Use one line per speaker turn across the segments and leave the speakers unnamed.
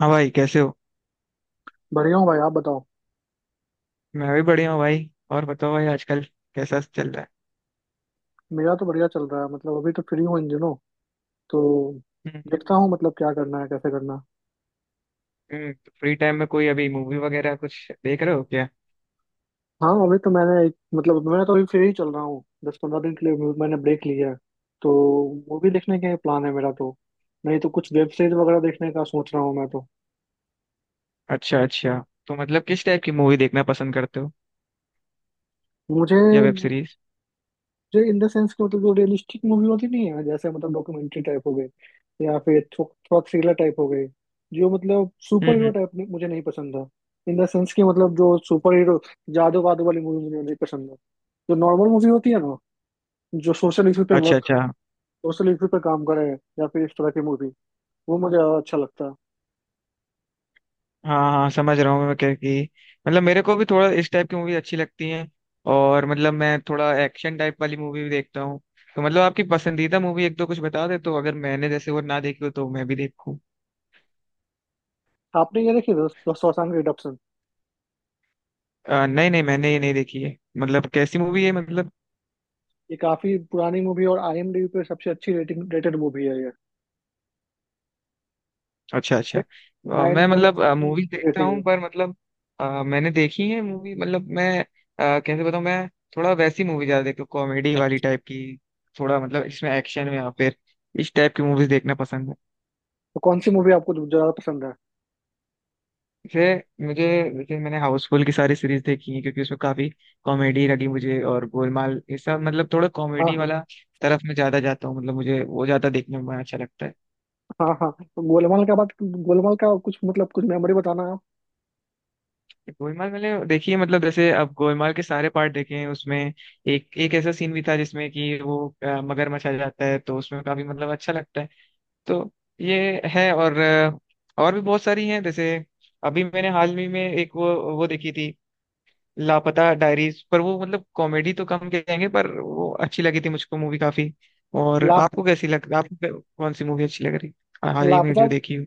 हाँ भाई, कैसे हो।
बढ़िया हूँ भाई आप बताओ।
मैं भी बढ़िया हूँ भाई। और बताओ भाई आजकल कैसा चल रहा है।
मेरा तो बढ़िया चल रहा है। मतलब अभी तो फ्री हूँ इन दिनों तो
हम्म
देखता हूँ मतलब क्या करना है कैसे करना है।
तो फ्री टाइम में कोई अभी मूवी वगैरह कुछ देख रहे हो क्या।
हाँ अभी तो मैंने एक मतलब मैं तो अभी फ्री ही चल रहा हूँ 10-15 दिन के लिए मैंने ब्रेक लिया है तो मूवी देखने का प्लान है मेरा तो। नहीं तो कुछ वेब सीरीज वगैरह देखने का सोच रहा हूँ मैं तो।
अच्छा अच्छा, तो मतलब किस टाइप की मूवी देखना पसंद करते हो
मुझे
या वेब सीरीज।
जो इन द सेंस कि मतलब जो रियलिस्टिक मूवी होती नहीं है जैसे मतलब डॉक्यूमेंट्री टाइप हो गए या फिर थोड़ा थ्रिलर टाइप हो गए। जो मतलब
हम्म
सुपर हीरो
हम्म,
टाइप नहीं, मुझे नहीं पसंद था। इन द सेंस कि मतलब जो सुपर हीरो जादू वादू वाली मूवी मुझे नहीं पसंद है। जो नॉर्मल मूवी होती है ना, जो
अच्छा अच्छा।
सोशल इशू पे काम करे या फिर इस तरह की मूवी वो मुझे ज्यादा अच्छा लगता है।
हाँ हाँ, समझ रहा हूँ मैं क्या, कि मतलब मेरे को भी थोड़ा इस टाइप की मूवी अच्छी लगती है। और मतलब मैं थोड़ा एक्शन टाइप वाली मूवी भी देखता हूँ। तो मतलब आपकी पसंदीदा मूवी एक दो कुछ बता दे, तो अगर मैंने जैसे वो ना देखी हो तो मैं भी देखूँ।
आपने ये देखी दोस्तों, शॉशैंक रिडेम्पशन?
नहीं नहीं, मैंने ये नहीं देखी है। मतलब कैसी मूवी है मतलब।
ये काफी पुरानी मूवी है और आईएमडीबी पे सबसे अच्छी रेटिंग रेटेड मूवी है ये।
अच्छा अच्छा।
नाइन
मैं
पॉइंट
मतलब
समथिंग
मूवी
की
देखता
रेटिंग
हूँ,
है।
पर मतलब मैंने देखी है मूवी। मतलब मैं कैसे बताऊँ मैं। थोड़ा वैसी मूवी ज्यादा देखता हूँ, कॉमेडी वाली टाइप की। थोड़ा मतलब इसमें एक्शन में या फिर इस टाइप की मूवीज देखना पसंद है।
तो कौन सी मूवी आपको ज्यादा पसंद है?
जैसे मुझे, जैसे मैंने हाउसफुल की सारी सीरीज देखी है क्योंकि उसमें काफी कॉमेडी लगी मुझे। और गोलमाल, ये सब मतलब थोड़ा
हाँ
कॉमेडी
हाँ।
वाला तरफ में ज्यादा जाता हूँ। मतलब मुझे वो ज्यादा देखने में अच्छा लगता है।
हाँ हाँ, तो गोलमाल का कुछ मतलब कुछ मेमोरी बताना आप।
गोलमाल मैंने देखी है, मतलब जैसे अब गोलमाल के सारे पार्ट देखे हैं। उसमें एक एक ऐसा सीन भी था जिसमें कि वो मगरमच्छ आ जाता है, तो उसमें काफी मतलब अच्छा लगता है। तो ये है। और और भी बहुत सारी हैं। जैसे अभी मैंने हाल ही में एक वो देखी थी, लापता डायरीज। पर वो मतलब कॉमेडी तो कम कहेंगे, पर वो अच्छी लगी थी मुझको मूवी काफी। और
लाप
आपको कैसी लग, आपको कौन सी मूवी अच्छी लग रही, हाल ही में
लापता।
जो देखी हो।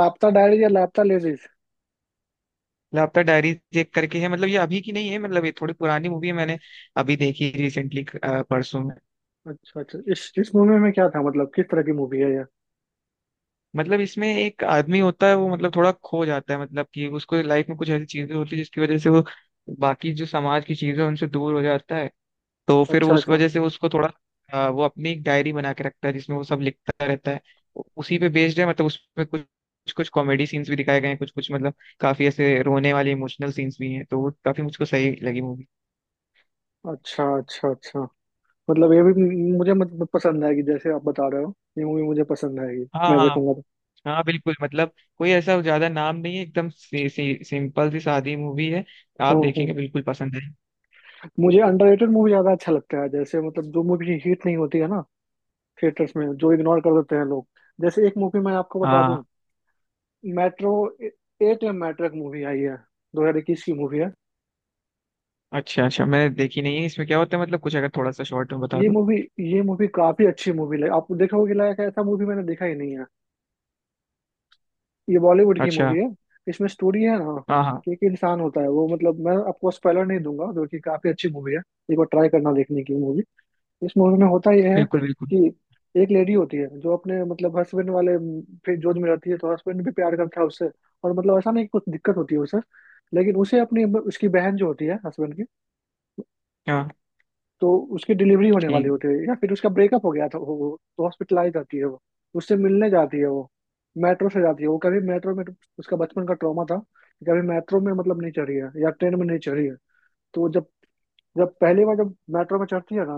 लापता डायरी या लापता लेडीज?
लापता डायरी चेक करके है, मतलब ये अभी की नहीं है। मतलब ये थोड़ी पुरानी मूवी है, मैंने अभी देखी रिसेंटली परसों में।
अच्छा अच्छा, इस मूवी में क्या था, मतलब किस तरह की मूवी है ये?
मतलब इसमें एक आदमी होता है, वो मतलब थोड़ा खो जाता है। मतलब कि उसको लाइफ में कुछ ऐसी चीजें होती है जिसकी वजह से वो बाकी जो समाज की चीजें हैं, उनसे दूर हो जाता है। तो फिर वो
अच्छा
उस
अच्छा
वजह से उसको थोड़ा वो अपनी एक डायरी बना के रखता है जिसमें वो सब लिखता रहता है। उसी पे बेस्ड है, मतलब उसमें कुछ कुछ कुछ कॉमेडी सीन्स भी दिखाए गए हैं। कुछ कुछ मतलब काफी ऐसे रोने वाले इमोशनल सीन्स भी हैं, तो वो काफी मुझको सही लगी मूवी।
अच्छा। अच्छा अच्छा। मतलब ये भी मुझे मतलब पसंद आएगी। जैसे आप बता रहे हो, ये मूवी मुझे पसंद आएगी,
हाँ
मैं
हाँ
देखूंगा।
हाँ, बिल्कुल मतलब कोई ऐसा ज्यादा नाम नहीं है, एकदम सी, सी, सिंपल सी सादी मूवी है।
तो
आप देखेंगे बिल्कुल पसंद है।
मुझे अंडररेटेड मूवी ज्यादा अच्छा लगता है। जैसे मतलब जो मूवी हिट नहीं होती है ना, थिएटर्स में जो इग्नोर कर देते हैं लोग। जैसे एक मूवी मैं आपको बता
हाँ।
दूं। मेट्रो एट या मेट्रो एक मूवी आई है 2021 की मूवी है।
अच्छा अच्छा, मैंने देखी नहीं है। इसमें क्या होता है मतलब कुछ अगर थोड़ा सा शॉर्ट में बता
ये
दो।
मूवी ये मूवी काफी अच्छी मूवी लगी। आप देखोगे, लायक ऐसा मूवी मैंने देखा ही नहीं है। ये बॉलीवुड की
अच्छा।
मूवी है। इसमें स्टोरी है ना
हाँ हाँ,
कि एक इंसान होता है वो, मतलब मैं आपको स्पॉइलर नहीं दूंगा, जो कि काफी अच्छी मूवी है। एक बार ट्राई करना देखने की मूवी। इस मूवी में होता यह है
बिल्कुल बिल्कुल।
कि एक लेडी होती है जो अपने मतलब हस्बैंड वाले फिर जोध में रहती है। तो हस्बैंड भी प्यार करता है उससे, और मतलब ऐसा नहीं कि कुछ दिक्कत होती है उसे। लेकिन उसे अपनी उसकी बहन जो होती है हस्बैंड की,
हाँ
तो उसकी डिलीवरी होने वाली
ठीक।
होती है या फिर उसका ब्रेकअप हो गया था, तो हॉस्पिटलाइज जाती है वो। उससे मिलने जाती है वो। मेट्रो से जाती है वो। कभी मेट्रो में उसका बचपन का ट्रॉमा था कि कभी मेट्रो में मतलब नहीं चढ़ी है या ट्रेन में नहीं चढ़ी है। तो वो जब जब पहली बार जब मेट्रो में चढ़ती है ना,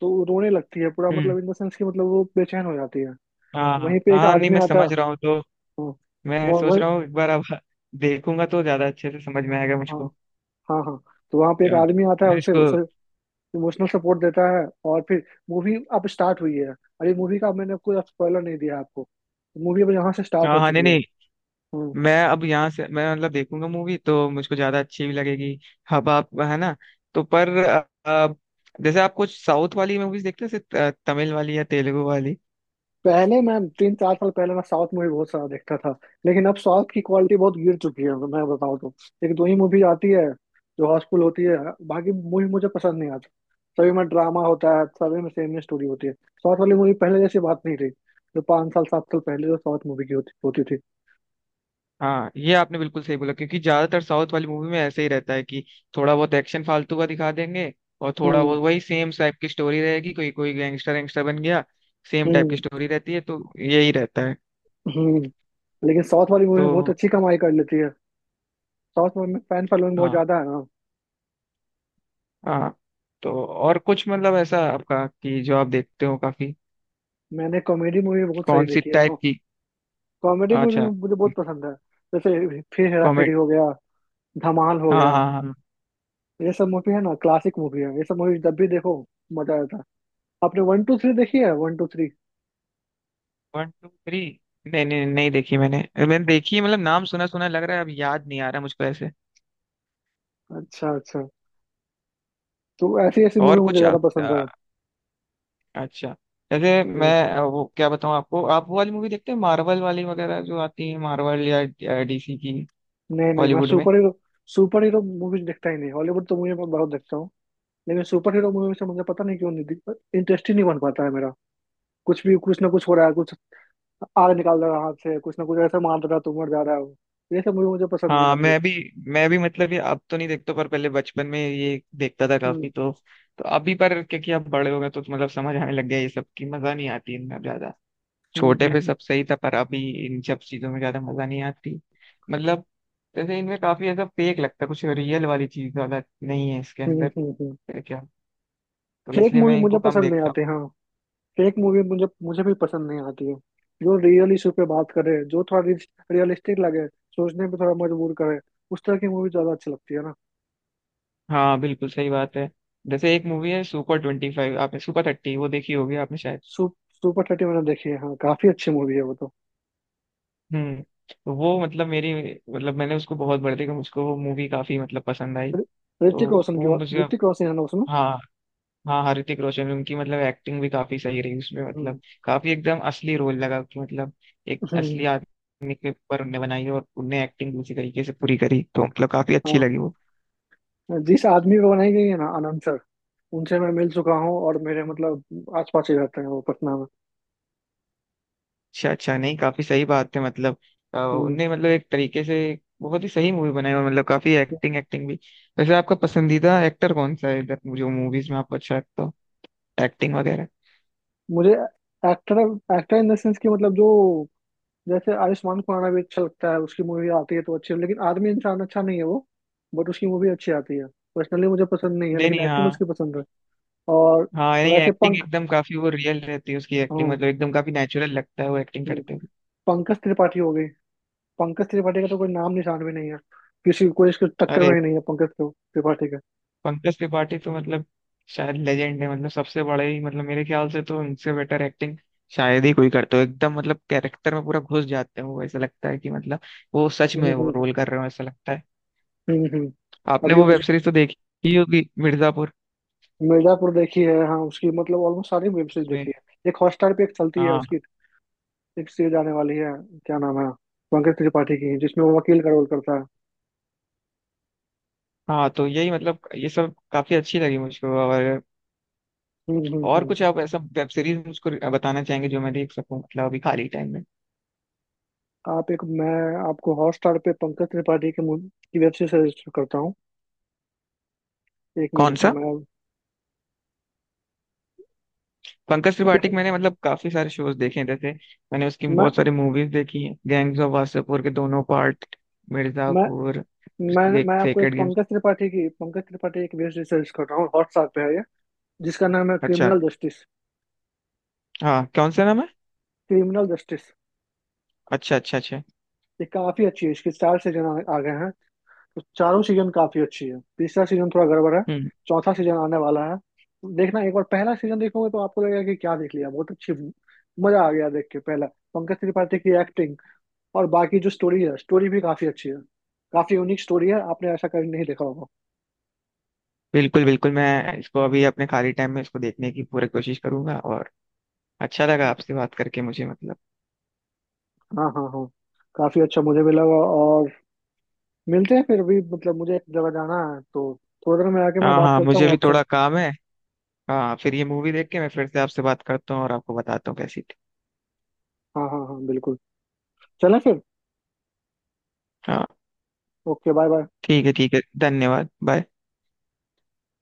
तो वो रोने लगती है पूरा,
हम्म।
मतलब इन द सेंस कि मतलब वो बेचैन हो जाती है।
हाँ
तो
हाँ
वहीं पे एक
हाँ, नहीं
आदमी
मैं
आता है।
समझ रहा हूँ। तो
हाँ।
मैं सोच
वो
रहा हूँ एक बार अब देखूंगा तो ज्यादा अच्छे से समझ में आएगा
हाँ
मुझको।
हाँ हाँ। तो वहाँ पे एक
या,
आदमी आता है
मैं
उसे
इसको।
उसे इमोशनल सपोर्ट देता है। और फिर मूवी अब स्टार्ट हुई है। अरे मूवी का मैंने कोई स्पॉइलर नहीं दिया आपको। मूवी अब यहाँ से स्टार्ट
हाँ
हो
हाँ, नहीं
चुकी है।
नहीं,
हम्म।
मैं अब यहाँ से मैं मतलब देखूंगा मूवी तो मुझको ज्यादा अच्छी भी लगेगी। अब आप है ना। तो पर अ, जैसे आप कुछ साउथ वाली मूवीज देखते हैं, जैसे तमिल वाली या तेलुगु वाली।
पहले मैं 3-4 साल पहले मैं साउथ मूवी बहुत सारा देखता था। लेकिन अब साउथ की क्वालिटी बहुत गिर चुकी है, मैं बताऊँ तो। एक दो ही मूवी आती है जो हाउसफुल होती है। बाकी मूवी मुझे पसंद नहीं आता। सभी में ड्रामा होता है, सभी में सेम ही स्टोरी होती है, साउथ वाली मूवी पहले जैसी बात नहीं रही जो 5 साल 7 साल पहले जो साउथ मूवी की होती होती थी।
हाँ, ये आपने बिल्कुल सही बोला, क्योंकि ज्यादातर साउथ वाली मूवी में ऐसे ही रहता है कि थोड़ा बहुत एक्शन फालतू का दिखा देंगे। और थोड़ा
हम्म
बहुत वही सेम टाइप की स्टोरी रहेगी, कोई कोई गैंगस्टर गैंगस्टर बन गया। सेम टाइप की
हम्म
स्टोरी रहती है तो यही रहता है।
हम्म। लेकिन साउथ वाली मूवी में बहुत
तो
अच्छी कमाई कर लेती है। साउथ में फैन फॉलोइंग बहुत
हाँ
ज्यादा है ना।
हाँ। तो और कुछ मतलब ऐसा आपका कि जो आप देखते हो काफी।
मैंने कॉमेडी मूवी बहुत सारी
कौन सी
देखी है।
टाइप की।
कॉमेडी मूवी
अच्छा।
मुझे बहुत पसंद है। जैसे फिर हेरा फेरी
कॉमेडी।
हो गया, धमाल हो
हाँ
गया,
हाँ हाँ।
ये सब मूवी है ना, क्लासिक मूवी है। ये सब मूवी जब भी देखो मजा आता है। आपने वन टू थ्री देखी है? One two three.
One two three. नहीं नहीं, नहीं देखी मैंने, मैंने देखी है, मतलब नाम सुना सुना लग रहा है, अब याद नहीं आ रहा मुझको ऐसे।
अच्छा अच्छा। तो ऐसी ऐसी मूवी
और
मुझे
कुछ
ज्यादा
आप
पसंद
अच्छा। जैसे मैं
है।
वो क्या बताऊँ आपको, आप वो वाली मूवी देखते हैं, मार्वल वाली वगैरह जो आती है, मार्वल या डीसी की,
नहीं नहीं, मैं
बॉलीवुड में।
सुपर हीरो मूवीज देखता ही नहीं। हॉलीवुड तो मूवी मैं बहुत देखता हूँ। लेकिन सुपर हीरो मूवी से मुझे पता नहीं क्यों नहीं इंटरेस्ट ही नहीं बन पाता है मेरा। कुछ भी, कुछ ना कुछ हो रहा है, कुछ आग निकाल रहा है हाथ से, कुछ ना कुछ ऐसा मार रहा है तो मर जा रहा हूँ। ये सब मूवी मुझे पसंद नहीं
हाँ,
आती।
मैं भी, मैं भी मतलब ये अब तो नहीं देखता, पर पहले बचपन में ये देखता था काफी।
हम्म
तो अभी पर क्योंकि अब बड़े हो गए तो मतलब समझ आने लग गया ये सब की मजा नहीं आती इतना ज्यादा। छोटे पे
हम्म।
सब सही था, पर अभी इन सब चीजों में ज्यादा मजा नहीं आती। मतलब जैसे इनमें काफी ऐसा फेक लगता है, कुछ रियल वाली चीज ज्यादा नहीं है इसके अंदर
हम्म।
है क्या। तो
फेक
इसलिए
मूवी
मैं
मुझे
इनको कम
पसंद नहीं
देखता
आती, हाँ। फेक मूवी मुझे मुझे भी पसंद नहीं आती है। जो रियल इशू पे बात करे, जो थोड़ा रियलिस्टिक लगे, सोचने पे थोड़ा मजबूर करे, उस तरह की मूवी ज्यादा अच्छी लगती है ना।
हूँ। हाँ बिल्कुल सही बात है। जैसे एक मूवी है सुपर 25, आपने सुपर 30 वो देखी होगी आपने शायद।
सु, सुपर 30 मैंने देखी है। हाँ, काफी अच्छी मूवी है वो तो।
हम्म। तो वो मतलब मेरी, मतलब मैंने उसको बहुत बार देखा, मुझको वो मूवी काफी मतलब पसंद आई।
रि-
तो
ऋतिक रोशन
वो
की बात,
मुझे
ऋतिक रोशन है ना उसमें।
हाँ हाँ हाँ, ऋतिक रोशन उनकी मतलब एक्टिंग भी काफी सही रही उसमें। मतलब
हम्म
काफी एकदम असली रोल लगा कि मतलब एक
हम्म,
असली आदमी के ऊपर उनने बनाई है और उनने एक्टिंग उसी तरीके से पूरी करी, तो मतलब काफी अच्छी
हाँ।
लगी वो।
जिस आदमी को बनाई गई है ना, आनंद सर, उनसे मैं मिल चुका हूँ और मेरे मतलब आस पास ही रहते हैं वो, पटना में।
अच्छा अच्छा, नहीं काफी सही बात है। मतलब
हम्म।
उनने मतलब एक तरीके से बहुत ही सही मूवी बनाई। और मतलब काफी एक्टिंग एक्टिंग भी। वैसे आपका पसंदीदा एक्टर कौन सा है इधर, जो मूवीज में आपको अच्छा लगता हो, एक्टिंग वगैरह।
मुझे एक्टर, इन द सेंस कि मतलब जो, जैसे आयुष्मान खुराना भी अच्छा लगता है। उसकी मूवी आती है तो अच्छी है, लेकिन आदमी इंसान अच्छा नहीं है वो। बट उसकी मूवी अच्छी आती है। पर्सनली मुझे पसंद नहीं है
नहीं
लेकिन
नहीं,
एक्टिंग
हाँ
उसकी पसंद है। और
हाँ। नहीं,
वैसे
एक्टिंग
पंख
एकदम काफी वो रियल रहती है उसकी एक्टिंग।
हाँ।
मतलब एकदम काफी नेचुरल लगता है वो एक्टिंग
हम्म।
करते हुए।
पंकज त्रिपाठी हो गई। पंकज त्रिपाठी का तो कोई नाम निशान भी नहीं है। किसी, कोई इसके टक्कर में
अरे
ही नहीं है, पंकज त्रिपाठी का।
पंकज त्रिपाठी तो मतलब शायद लेजेंड है, मतलब सबसे बड़े ही, मतलब मेरे ख्याल से तो उनसे बेटर एक्टिंग शायद ही कोई करता हो। एकदम मतलब कैरेक्टर में पूरा घुस जाते हैं वो, ऐसा लगता है कि मतलब वो सच में वो
हम्म।
रोल कर रहे हो ऐसा लगता है।
हम्म हम्म।
आपने
अभी
वो वेब
उस
सीरीज तो देखी ही होगी, मिर्जापुर।
मिर्जापुर देखी है, हाँ। उसकी मतलब ऑलमोस्ट सारी वेब सीरीज देख
उसमें
ली है। एक हॉटस्टार पे एक चलती है
हाँ
उसकी। एक सीरीज आने वाली है। क्या नाम है, पंकज त्रिपाठी की, जिसमें वो वकील का रोल करता है।
हाँ, तो यही मतलब ये सब काफी अच्छी लगी मुझको।
हम्म हम्म
और
हम्म।
कुछ आप ऐसा वेब सीरीज मुझको बताना चाहेंगे जो मैं देख सकूं मतलब अभी खाली टाइम में।
आप एक मैं आपको हॉटस्टार पे पंकज त्रिपाठी के की वेब सीरीज सजेस्ट करता हूँ। 1 मिनट
कौन
रुकना
सा।
मैं।
पंकज त्रिपाठी
फिर
के मैंने मतलब काफी सारे शोज देखे हैं। जैसे मैंने उसकी
मैं
बहुत सारी मूवीज देखी हैं, गैंग्स ऑफ वासेपुर के दोनों पार्ट,
मैं
मिर्जापुर,
मैं
एक
मैं आपको एक
सेक्रेड गेम्स।
पंकज त्रिपाठी एक वेब सीरीज कर रहा हूँ, हॉटस्टार पे है ये, जिसका नाम है
अच्छा।
Criminal justice.
हाँ कौन सा नाम है।
Criminal justice.
अच्छा अच्छा अच्छा।
ये काफी अच्छी है, इसके 4 सीजन आ गए हैं। तो चारों सीजन काफी अच्छी है, तीसरा सीजन थोड़ा गड़बड़ है।
हम्म।
चौथा सीजन आने वाला है। देखना एक बार, पहला सीजन देखोगे तो आपको लगेगा कि क्या देख लिया, बहुत अच्छी। मजा आ गया देख के पहला। पंकज त्रिपाठी की एक्टिंग और बाकी जो स्टोरी है, स्टोरी भी काफी अच्छी है। काफी यूनिक स्टोरी है, आपने ऐसा कभी नहीं देखा होगा।
बिल्कुल बिल्कुल, मैं इसको अभी अपने खाली टाइम में इसको देखने की पूरी कोशिश करूंगा। और अच्छा लगा आपसे बात करके मुझे मतलब।
हाँ हाँ हाँ। काफी अच्छा मुझे भी लगा और मिलते हैं फिर। अभी मतलब मुझे एक जगह जाना है तो थोड़ी देर में आके मैं
हाँ
बात
हाँ,
करता
मुझे
हूँ
भी
आपसे।
थोड़ा काम है। हाँ फिर ये मूवी देख के मैं फिर से आपसे बात करता हूँ और आपको बताता हूँ कैसी थी।
हाँ हाँ हाँ बिल्कुल। चलें फिर।
हाँ
ओके, बाय बाय।
ठीक है ठीक है। धन्यवाद, बाय।